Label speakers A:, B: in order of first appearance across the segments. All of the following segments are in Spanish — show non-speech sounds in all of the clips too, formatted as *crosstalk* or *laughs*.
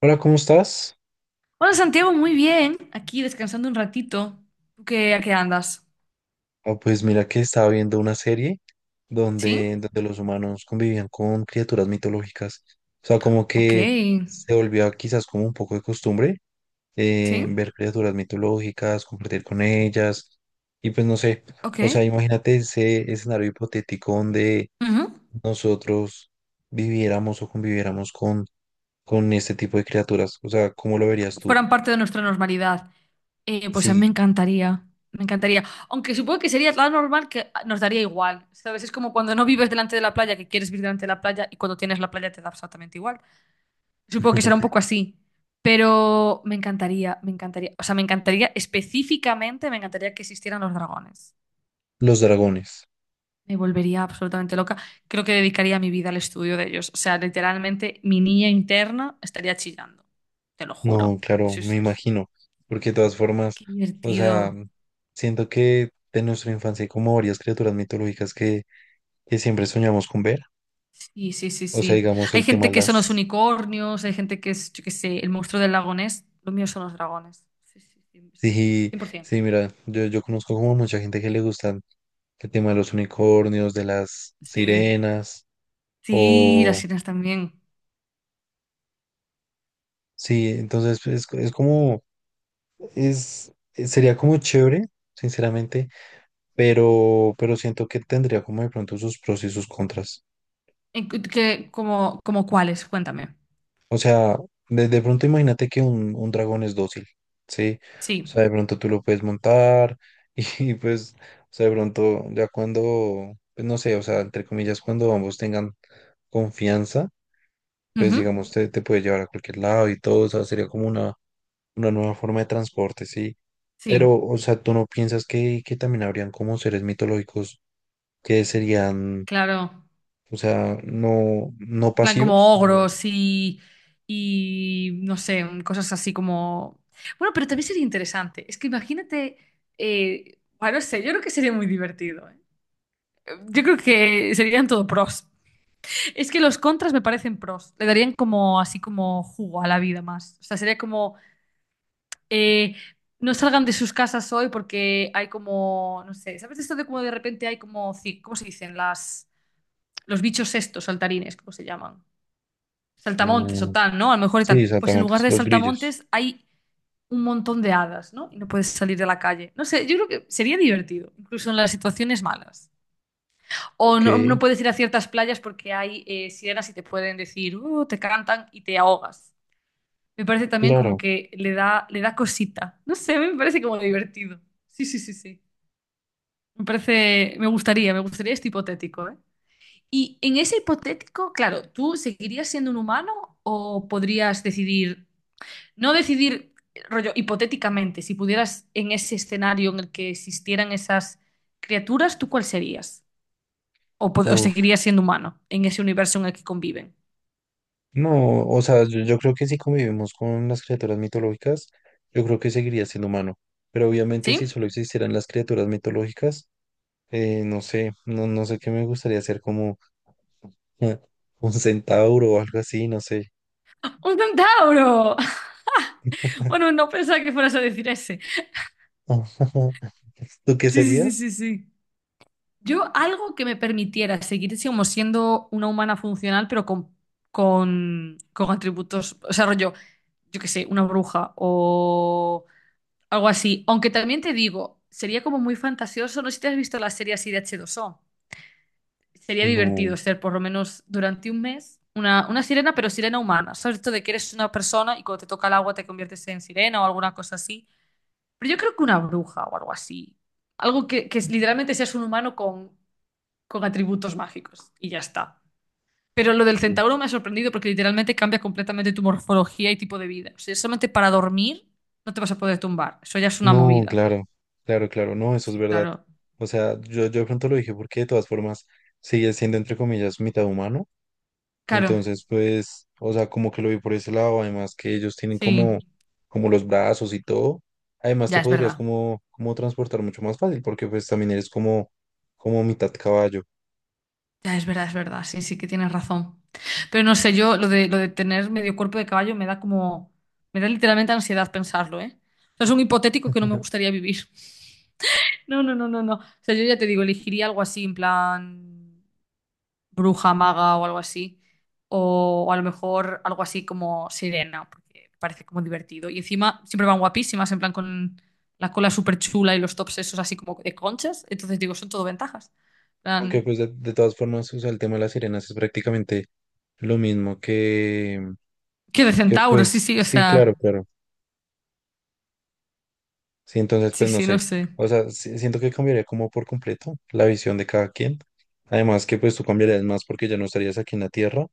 A: Hola, ¿cómo estás?
B: Hola Santiago, muy bien. Aquí descansando un ratito. ¿Tú qué, a qué andas?
A: Ah, pues mira que estaba viendo una serie
B: ¿Sí?
A: donde los humanos convivían con criaturas mitológicas. O sea, como
B: Ok.
A: que se volvió quizás como un poco de costumbre,
B: ¿Sí?
A: ver criaturas mitológicas, compartir con ellas. Y pues no sé,
B: Ok.
A: o sea, imagínate ese escenario hipotético donde
B: Ujú.
A: nosotros viviéramos o conviviéramos con este tipo de criaturas. O sea, ¿cómo lo verías tú?
B: Fueran parte de nuestra normalidad. Pues a mí me
A: Sí,
B: encantaría. Me encantaría. Aunque supongo que sería tan normal que nos daría igual. ¿Sabes? Es como cuando no vives delante de la playa, que quieres vivir delante de la playa y cuando tienes la playa te da absolutamente igual. Supongo que será un poco así. Pero me encantaría, me encantaría. O sea, me encantaría específicamente, me encantaría que existieran los dragones.
A: los dragones.
B: Me volvería absolutamente loca. Creo que dedicaría mi vida al estudio de ellos. O sea, literalmente mi niña interna estaría chillando. Te lo juro.
A: No, claro,
B: Sí,
A: me
B: sí, sí.
A: imagino, porque de todas formas,
B: Qué
A: o sea,
B: divertido.
A: siento que de nuestra infancia hay como varias criaturas mitológicas que siempre soñamos con ver,
B: Sí, sí, sí,
A: o sea,
B: sí.
A: digamos
B: Hay
A: el tema
B: gente
A: de
B: que son los
A: las...
B: unicornios, hay gente que es, yo qué sé, el monstruo del lago Ness. Lo mío son los dragones. Sí, sí, sí,
A: Sí,
B: cien por 100%.
A: sí, mira, yo conozco como mucha gente que le gustan el tema de los unicornios, de las
B: Sí.
A: sirenas,
B: Sí, las
A: o...
B: sirenas también.
A: Sí, entonces pues, es como, es, sería como chévere, sinceramente, pero siento que tendría como de pronto sus pros y sus contras.
B: ¿En como cuáles? Cuéntame.
A: O sea, de pronto imagínate que un dragón es dócil, ¿sí? O
B: Sí.
A: sea, de pronto tú lo puedes montar y, *laughs* pues, o sea, de pronto ya cuando, pues no sé, o sea, entre comillas, cuando ambos tengan confianza, pues
B: Ujú.
A: digamos, te puede llevar a cualquier lado y todo, o sea, sería como una nueva forma de transporte, ¿sí?
B: Sí,
A: Pero, o sea, ¿tú no piensas que también habrían como seres mitológicos que serían,
B: claro.
A: o sea, no
B: En plan
A: pasivos?
B: como
A: No,
B: ogros y no sé, cosas así como... Bueno, pero también sería interesante. Es que imagínate, bueno, no sé, yo creo que sería muy divertido, ¿eh? Yo creo que serían todo pros. Es que los contras me parecen pros. Le darían como así como jugo a la vida más. O sea, sería como eh, no salgan de sus casas hoy porque hay como, no sé, ¿sabes esto de cómo de repente hay como, cómo se dicen? Los bichos estos, saltarines, ¿cómo se llaman?
A: eh,
B: Saltamontes o tal, ¿no? A lo mejor y
A: sí,
B: tal. Pues en
A: exactamente,
B: lugar de
A: los grillos.
B: saltamontes hay un montón de hadas, ¿no? Y no puedes salir de la calle. No sé, yo creo que sería divertido, incluso en las situaciones malas. O
A: Ok,
B: no, no puedes ir a ciertas playas porque hay sirenas y te pueden decir, te cantan y te ahogas". Me parece también como
A: claro.
B: que le da cosita. No sé, me parece como divertido. Sí, sí, sí, sí. Me parece, me gustaría este hipotético, ¿eh? Y en ese hipotético, claro, ¿tú seguirías siendo un humano o podrías decidir? No decidir, rollo, hipotéticamente, si pudieras en ese escenario en el que existieran esas criaturas, ¿tú cuál serías? ¿O, o
A: Uf.
B: seguirías siendo humano en ese universo en el que conviven?
A: No, o sea, yo creo que si convivimos con las criaturas mitológicas, yo creo que seguiría siendo humano. Pero obviamente si
B: ¿Sí?
A: solo existieran las criaturas mitológicas, no sé, no sé qué me gustaría ser como *laughs* eh, un centauro o algo así, no sé.
B: ¡Un centauro! *laughs* Bueno, no pensaba que fueras a decir ese.
A: *laughs* ¿Tú qué
B: Sí, sí, sí,
A: serías?
B: sí, sí. Yo algo que me permitiera seguir como siendo una humana funcional, pero con atributos, o sea, rollo, yo qué sé, una bruja o algo así. Aunque también te digo, sería como muy fantasioso. No sé si te has visto la serie así de h dos o... Sería
A: No,
B: divertido ser por lo menos durante un mes una sirena, pero sirena humana. Sobre esto de que eres una persona y cuando te toca el agua te conviertes en sirena o alguna cosa así. Pero yo creo que una bruja o algo así. Algo que literalmente seas un humano con atributos mágicos y ya está. Pero lo del centauro me ha sorprendido porque literalmente cambia completamente tu morfología y tipo de vida. O sea, solamente para dormir no te vas a poder tumbar. Eso ya es una
A: no,
B: movida.
A: claro, claro, claro, no, eso es
B: Sí,
A: verdad.
B: claro.
A: O sea, yo de pronto lo dije porque de todas formas sigue siendo entre comillas mitad humano.
B: Claro,
A: Entonces, pues, o sea, como que lo vi por ese lado, además que ellos tienen como,
B: sí,
A: como los brazos y todo. Además, te
B: ya es
A: podrías
B: verdad,
A: como, como transportar mucho más fácil, porque pues también eres como, como mitad caballo.
B: ya es verdad, sí, sí que tienes razón. Pero no sé, yo lo de tener medio cuerpo de caballo me da literalmente ansiedad pensarlo, ¿eh? O sea, es un hipotético que no me gustaría vivir. No, no, no, no, no. O sea, yo ya te digo, elegiría algo así, en plan, bruja, maga o algo así. O a lo mejor algo así como sirena, porque me parece como divertido. Y encima siempre van guapísimas, en plan con la cola súper chula y los tops esos así como de conchas. Entonces digo, son todo ventajas. En
A: Aunque
B: plan,
A: pues de todas formas, o sea, el tema de las sirenas es prácticamente lo mismo que,
B: que de
A: que
B: centauro, sí,
A: pues,
B: sí, o
A: sí, claro,
B: sea,
A: claro. Sí, entonces,
B: sí,
A: pues no
B: sí, no
A: sé.
B: sé.
A: O sea, si- siento que cambiaría como por completo la visión de cada quien. Además que pues tú cambiarías más porque ya no estarías aquí en la tierra.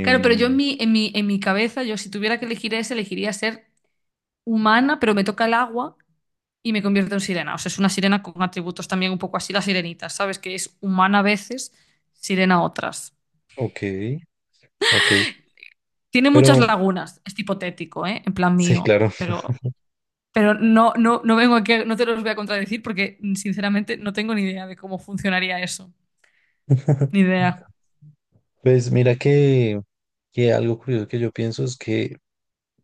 B: Claro, pero yo en mi, en mi, en mi cabeza, yo si tuviera que elegir ese, elegiría ser humana, pero me toca el agua y me convierto en sirena. O sea, es una sirena con atributos también un poco así, la sirenita, ¿sabes? Que es humana a veces, sirena a otras.
A: ok, ok.
B: Tiene muchas
A: Pero
B: lagunas, es hipotético, ¿eh? En plan
A: sí,
B: mío,
A: claro.
B: pero, no, no vengo aquí, no te los voy a contradecir porque sinceramente no tengo ni idea de cómo funcionaría eso. Ni
A: *laughs*
B: idea.
A: Pues mira que algo curioso que yo pienso es que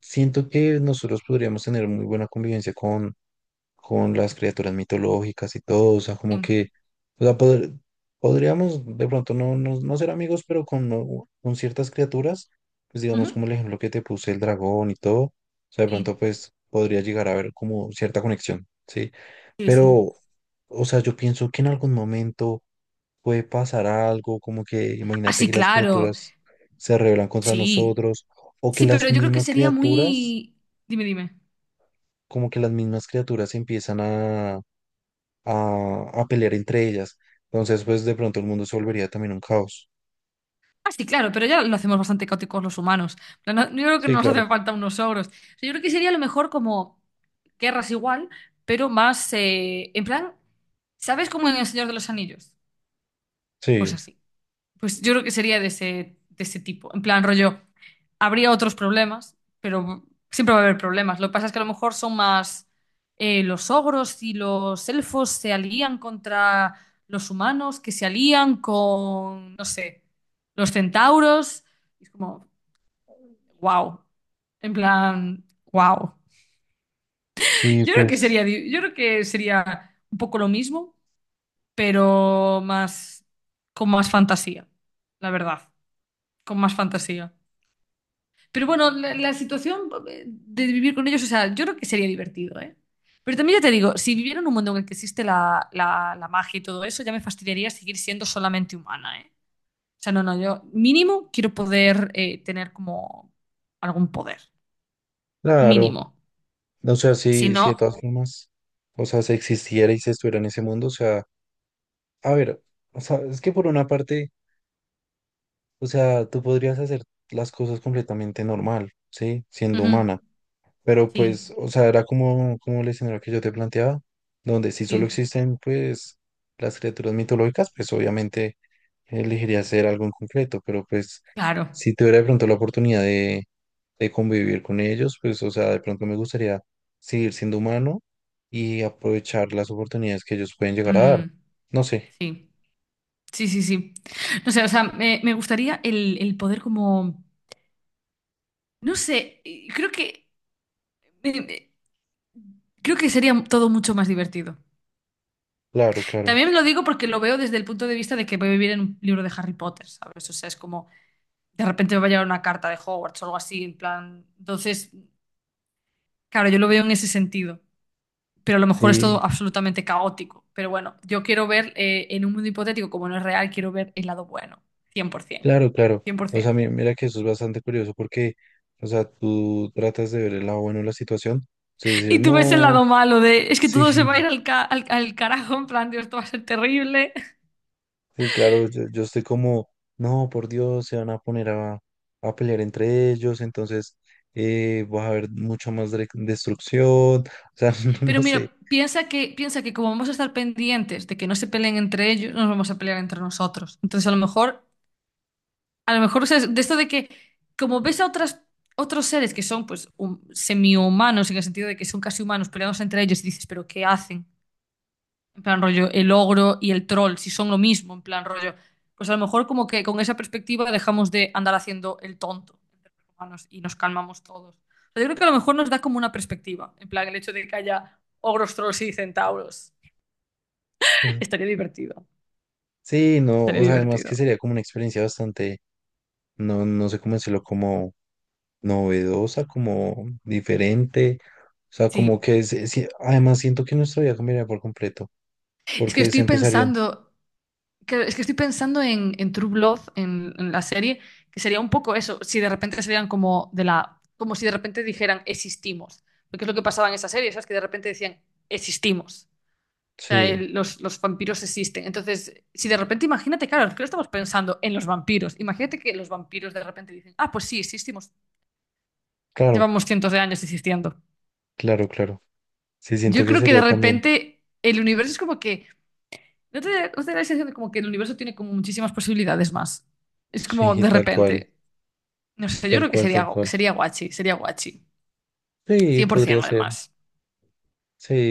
A: siento que nosotros podríamos tener muy buena convivencia con las criaturas mitológicas y todo, o sea, como
B: Sí.
A: que, o sea, poder- podríamos de pronto no, no, no ser amigos, pero con, no- con ciertas criaturas, pues
B: Ujú.
A: digamos como el ejemplo que te puse, el dragón y todo, o sea, de
B: Sí,
A: pronto pues podría llegar a haber como cierta conexión, ¿sí?
B: sí, sí.
A: Pero, o sea, yo pienso que en algún momento puede pasar algo, como que
B: Ah,
A: imagínate
B: sí,
A: que las
B: claro.
A: criaturas se rebelan contra
B: Sí.
A: nosotros o que
B: Sí, pero
A: las
B: yo creo que
A: mismas
B: sería
A: criaturas,
B: muy... Dime, dime.
A: como que las mismas criaturas empiezan a pelear entre ellas. Entonces, pues de pronto el mundo se volvería también un caos.
B: Ah, sí, claro, pero ya lo hacemos bastante caóticos los humanos. En plan, yo creo que
A: Sí,
B: no nos
A: claro.
B: hace falta unos ogros. O sea, yo creo que sería a lo mejor como guerras igual, pero más en plan, ¿sabes cómo en El Señor de los Anillos? Pues
A: Sí,
B: así. Pues yo creo que sería de ese tipo. En plan, rollo, habría otros problemas, pero siempre va a haber problemas. Lo que pasa es que a lo mejor son más los ogros y los elfos se alían contra los humanos, que se alían con, no sé, los centauros. Y es como, wow. En plan, wow.
A: sí,
B: Yo creo que
A: pues
B: sería, yo creo que sería un poco lo mismo, pero más, con más fantasía, la verdad, con más fantasía. Pero bueno, la situación de vivir con ellos, o sea, yo creo que sería divertido, ¿eh? Pero también ya te digo, si viviera en un mundo en el que existe la magia y todo eso, ya me fastidiaría seguir siendo solamente humana, ¿eh? O sea, no, no, yo mínimo quiero poder tener como algún poder,
A: claro.
B: mínimo.
A: O sea,
B: Si
A: sí, sí, de todas
B: no,
A: formas, o sea, si existiera y se estuviera en ese mundo, o sea, a ver, o sea, es que por una parte, o sea, tú podrías hacer las cosas completamente normal, ¿sí? Siendo
B: ujú,
A: humana. Pero
B: sí,
A: pues, o sea, era como, como el escenario que yo te planteaba, donde si solo
B: sí,
A: existen pues las criaturas mitológicas, pues obviamente elegiría hacer algo en concreto, pero pues
B: claro,
A: si tuviera de pronto la oportunidad de convivir con ellos, pues o sea, de pronto me gustaría seguir siendo humano y aprovechar las oportunidades que ellos pueden llegar a
B: mm,
A: dar. No sé,
B: sí, sí, sí, sí. No sé, o sea, me gustaría el poder como, no sé, creo que... eh, Creo que sería todo mucho más divertido.
A: claro, claro.
B: También lo digo porque lo veo desde el punto de vista de que voy a vivir en un libro de Harry Potter, ¿sabes? O sea, es como de repente me va a llegar una carta de Hogwarts o algo así, en plan. Entonces, claro, yo lo veo en ese sentido, pero a lo mejor es todo absolutamente caótico. Pero bueno, yo quiero ver en un mundo hipotético, como no es real, quiero ver el lado bueno, cien por ciento,
A: Claro, claro.
B: cien por
A: O sea,
B: 100%.
A: mi- mira que eso es bastante curioso porque, o sea, tú tratas de ver el lado bueno de la situación. Entonces decir,
B: Y tú ves el
A: no,
B: lado malo de, es que
A: sí,
B: todo se va a ir
A: *laughs*
B: al, al carajo, en plan, Dios, esto va a ser terrible.
A: sí, claro, yo estoy como, no, por Dios, se van a poner a pelear entre ellos, entonces va a haber mucha más dre- destrucción. O sea, *laughs* no,
B: Pero
A: no
B: mira,
A: sé.
B: piensa que, como vamos a estar pendientes de que no se peleen entre ellos, no nos vamos a pelear entre nosotros. Entonces, a lo mejor, ¿sabes? De esto de que, como ves a otros seres que son pues semi humanos en el sentido de que son casi humanos peleados entre ellos y dices, pero ¿qué hacen? En plan rollo, el ogro y el troll, si son lo mismo, en plan rollo. Pues a lo mejor como que con esa perspectiva dejamos de andar haciendo el tonto entre los humanos y nos calmamos todos. O sea, yo creo que a lo mejor nos da como una perspectiva, en plan el hecho de que haya ogros, trolls y centauros. *laughs*
A: Ajá.
B: Estaría divertido,
A: Sí, no,
B: estaría
A: o sea, además que
B: divertido.
A: sería como una experiencia bastante, no, no sé cómo decirlo, como novedosa, como diferente. O sea, como
B: Sí,
A: que es- además siento que nuestra vida cambiaría por completo,
B: es que
A: porque se
B: estoy
A: empezarían.
B: pensando. Claro, es que estoy pensando en True Blood, en la serie, que sería un poco eso, si de repente serían como de la, como si de repente dijeran existimos, porque es lo que pasaba en esa serie, ¿sabes? Que de repente decían existimos, o sea,
A: Sí,
B: los vampiros existen. Entonces, si de repente, imagínate, claro, que estamos pensando en los vampiros, imagínate que los vampiros de repente dicen, ah, pues sí, existimos,
A: claro,
B: llevamos cientos de años existiendo.
A: claro, claro. Sí,
B: Yo
A: siento que
B: creo que de
A: sería también.
B: repente el universo es como que, ¿no te, no te da la sensación de como que el universo tiene como muchísimas posibilidades más? Es como
A: Sí,
B: de
A: tal cual,
B: repente. No sé, yo
A: tal
B: creo que
A: cual, tal
B: sería,
A: cual.
B: sería guachi, sería guachi.
A: Sí, podría
B: 100%
A: ser.
B: además.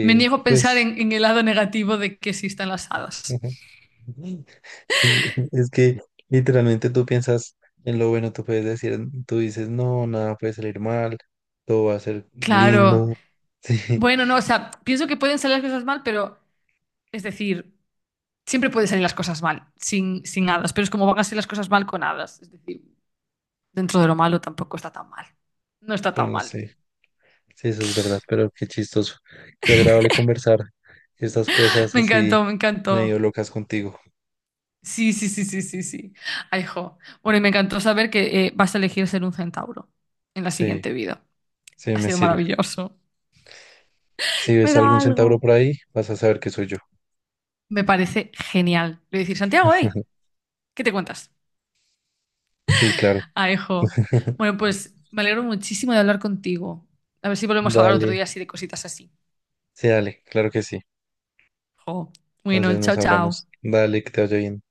B: Me niego a pensar
A: pues.
B: en el lado negativo de que existan las hadas.
A: *laughs* El- Es que literalmente tú piensas en lo bueno, tú puedes decir, tú dices, no, nada puede salir mal, todo va a ser
B: Claro.
A: lindo.
B: Bueno, no, o
A: *laughs*
B: sea, pienso que pueden salir las cosas mal, pero es decir, siempre pueden salir las cosas mal sin hadas, pero es como van a salir las cosas mal con hadas. Es decir, dentro de lo malo tampoco está tan mal. No está
A: Sí,
B: tan
A: bueno,
B: mal.
A: sí. Sí, eso es verdad, pero qué chistoso. Qué agradable conversar estas cosas
B: Me
A: así
B: encantó, me encantó.
A: medio locas contigo.
B: Sí, sí, sí, sí, sí, sí. Ay, jo. Bueno, y me encantó saber que vas a elegir ser un centauro en la
A: Sí,
B: siguiente vida.
A: sí,
B: Ha
A: me
B: sido
A: sirve.
B: maravilloso.
A: Si
B: Me
A: ves
B: da
A: algún centauro
B: algo.
A: por ahí, vas a saber que soy yo.
B: Me parece genial. Le voy a decir, Santiago, hey, ¿qué te cuentas?
A: Sí, claro.
B: Ah, hijo. Bueno, pues me alegro muchísimo de hablar contigo. A ver si volvemos a hablar
A: Dale,
B: otro día así de cositas así.
A: sí, dale, claro que sí.
B: Jo. Bueno,
A: Entonces nos
B: chao, chao.
A: hablamos. Dale, que te vaya bien.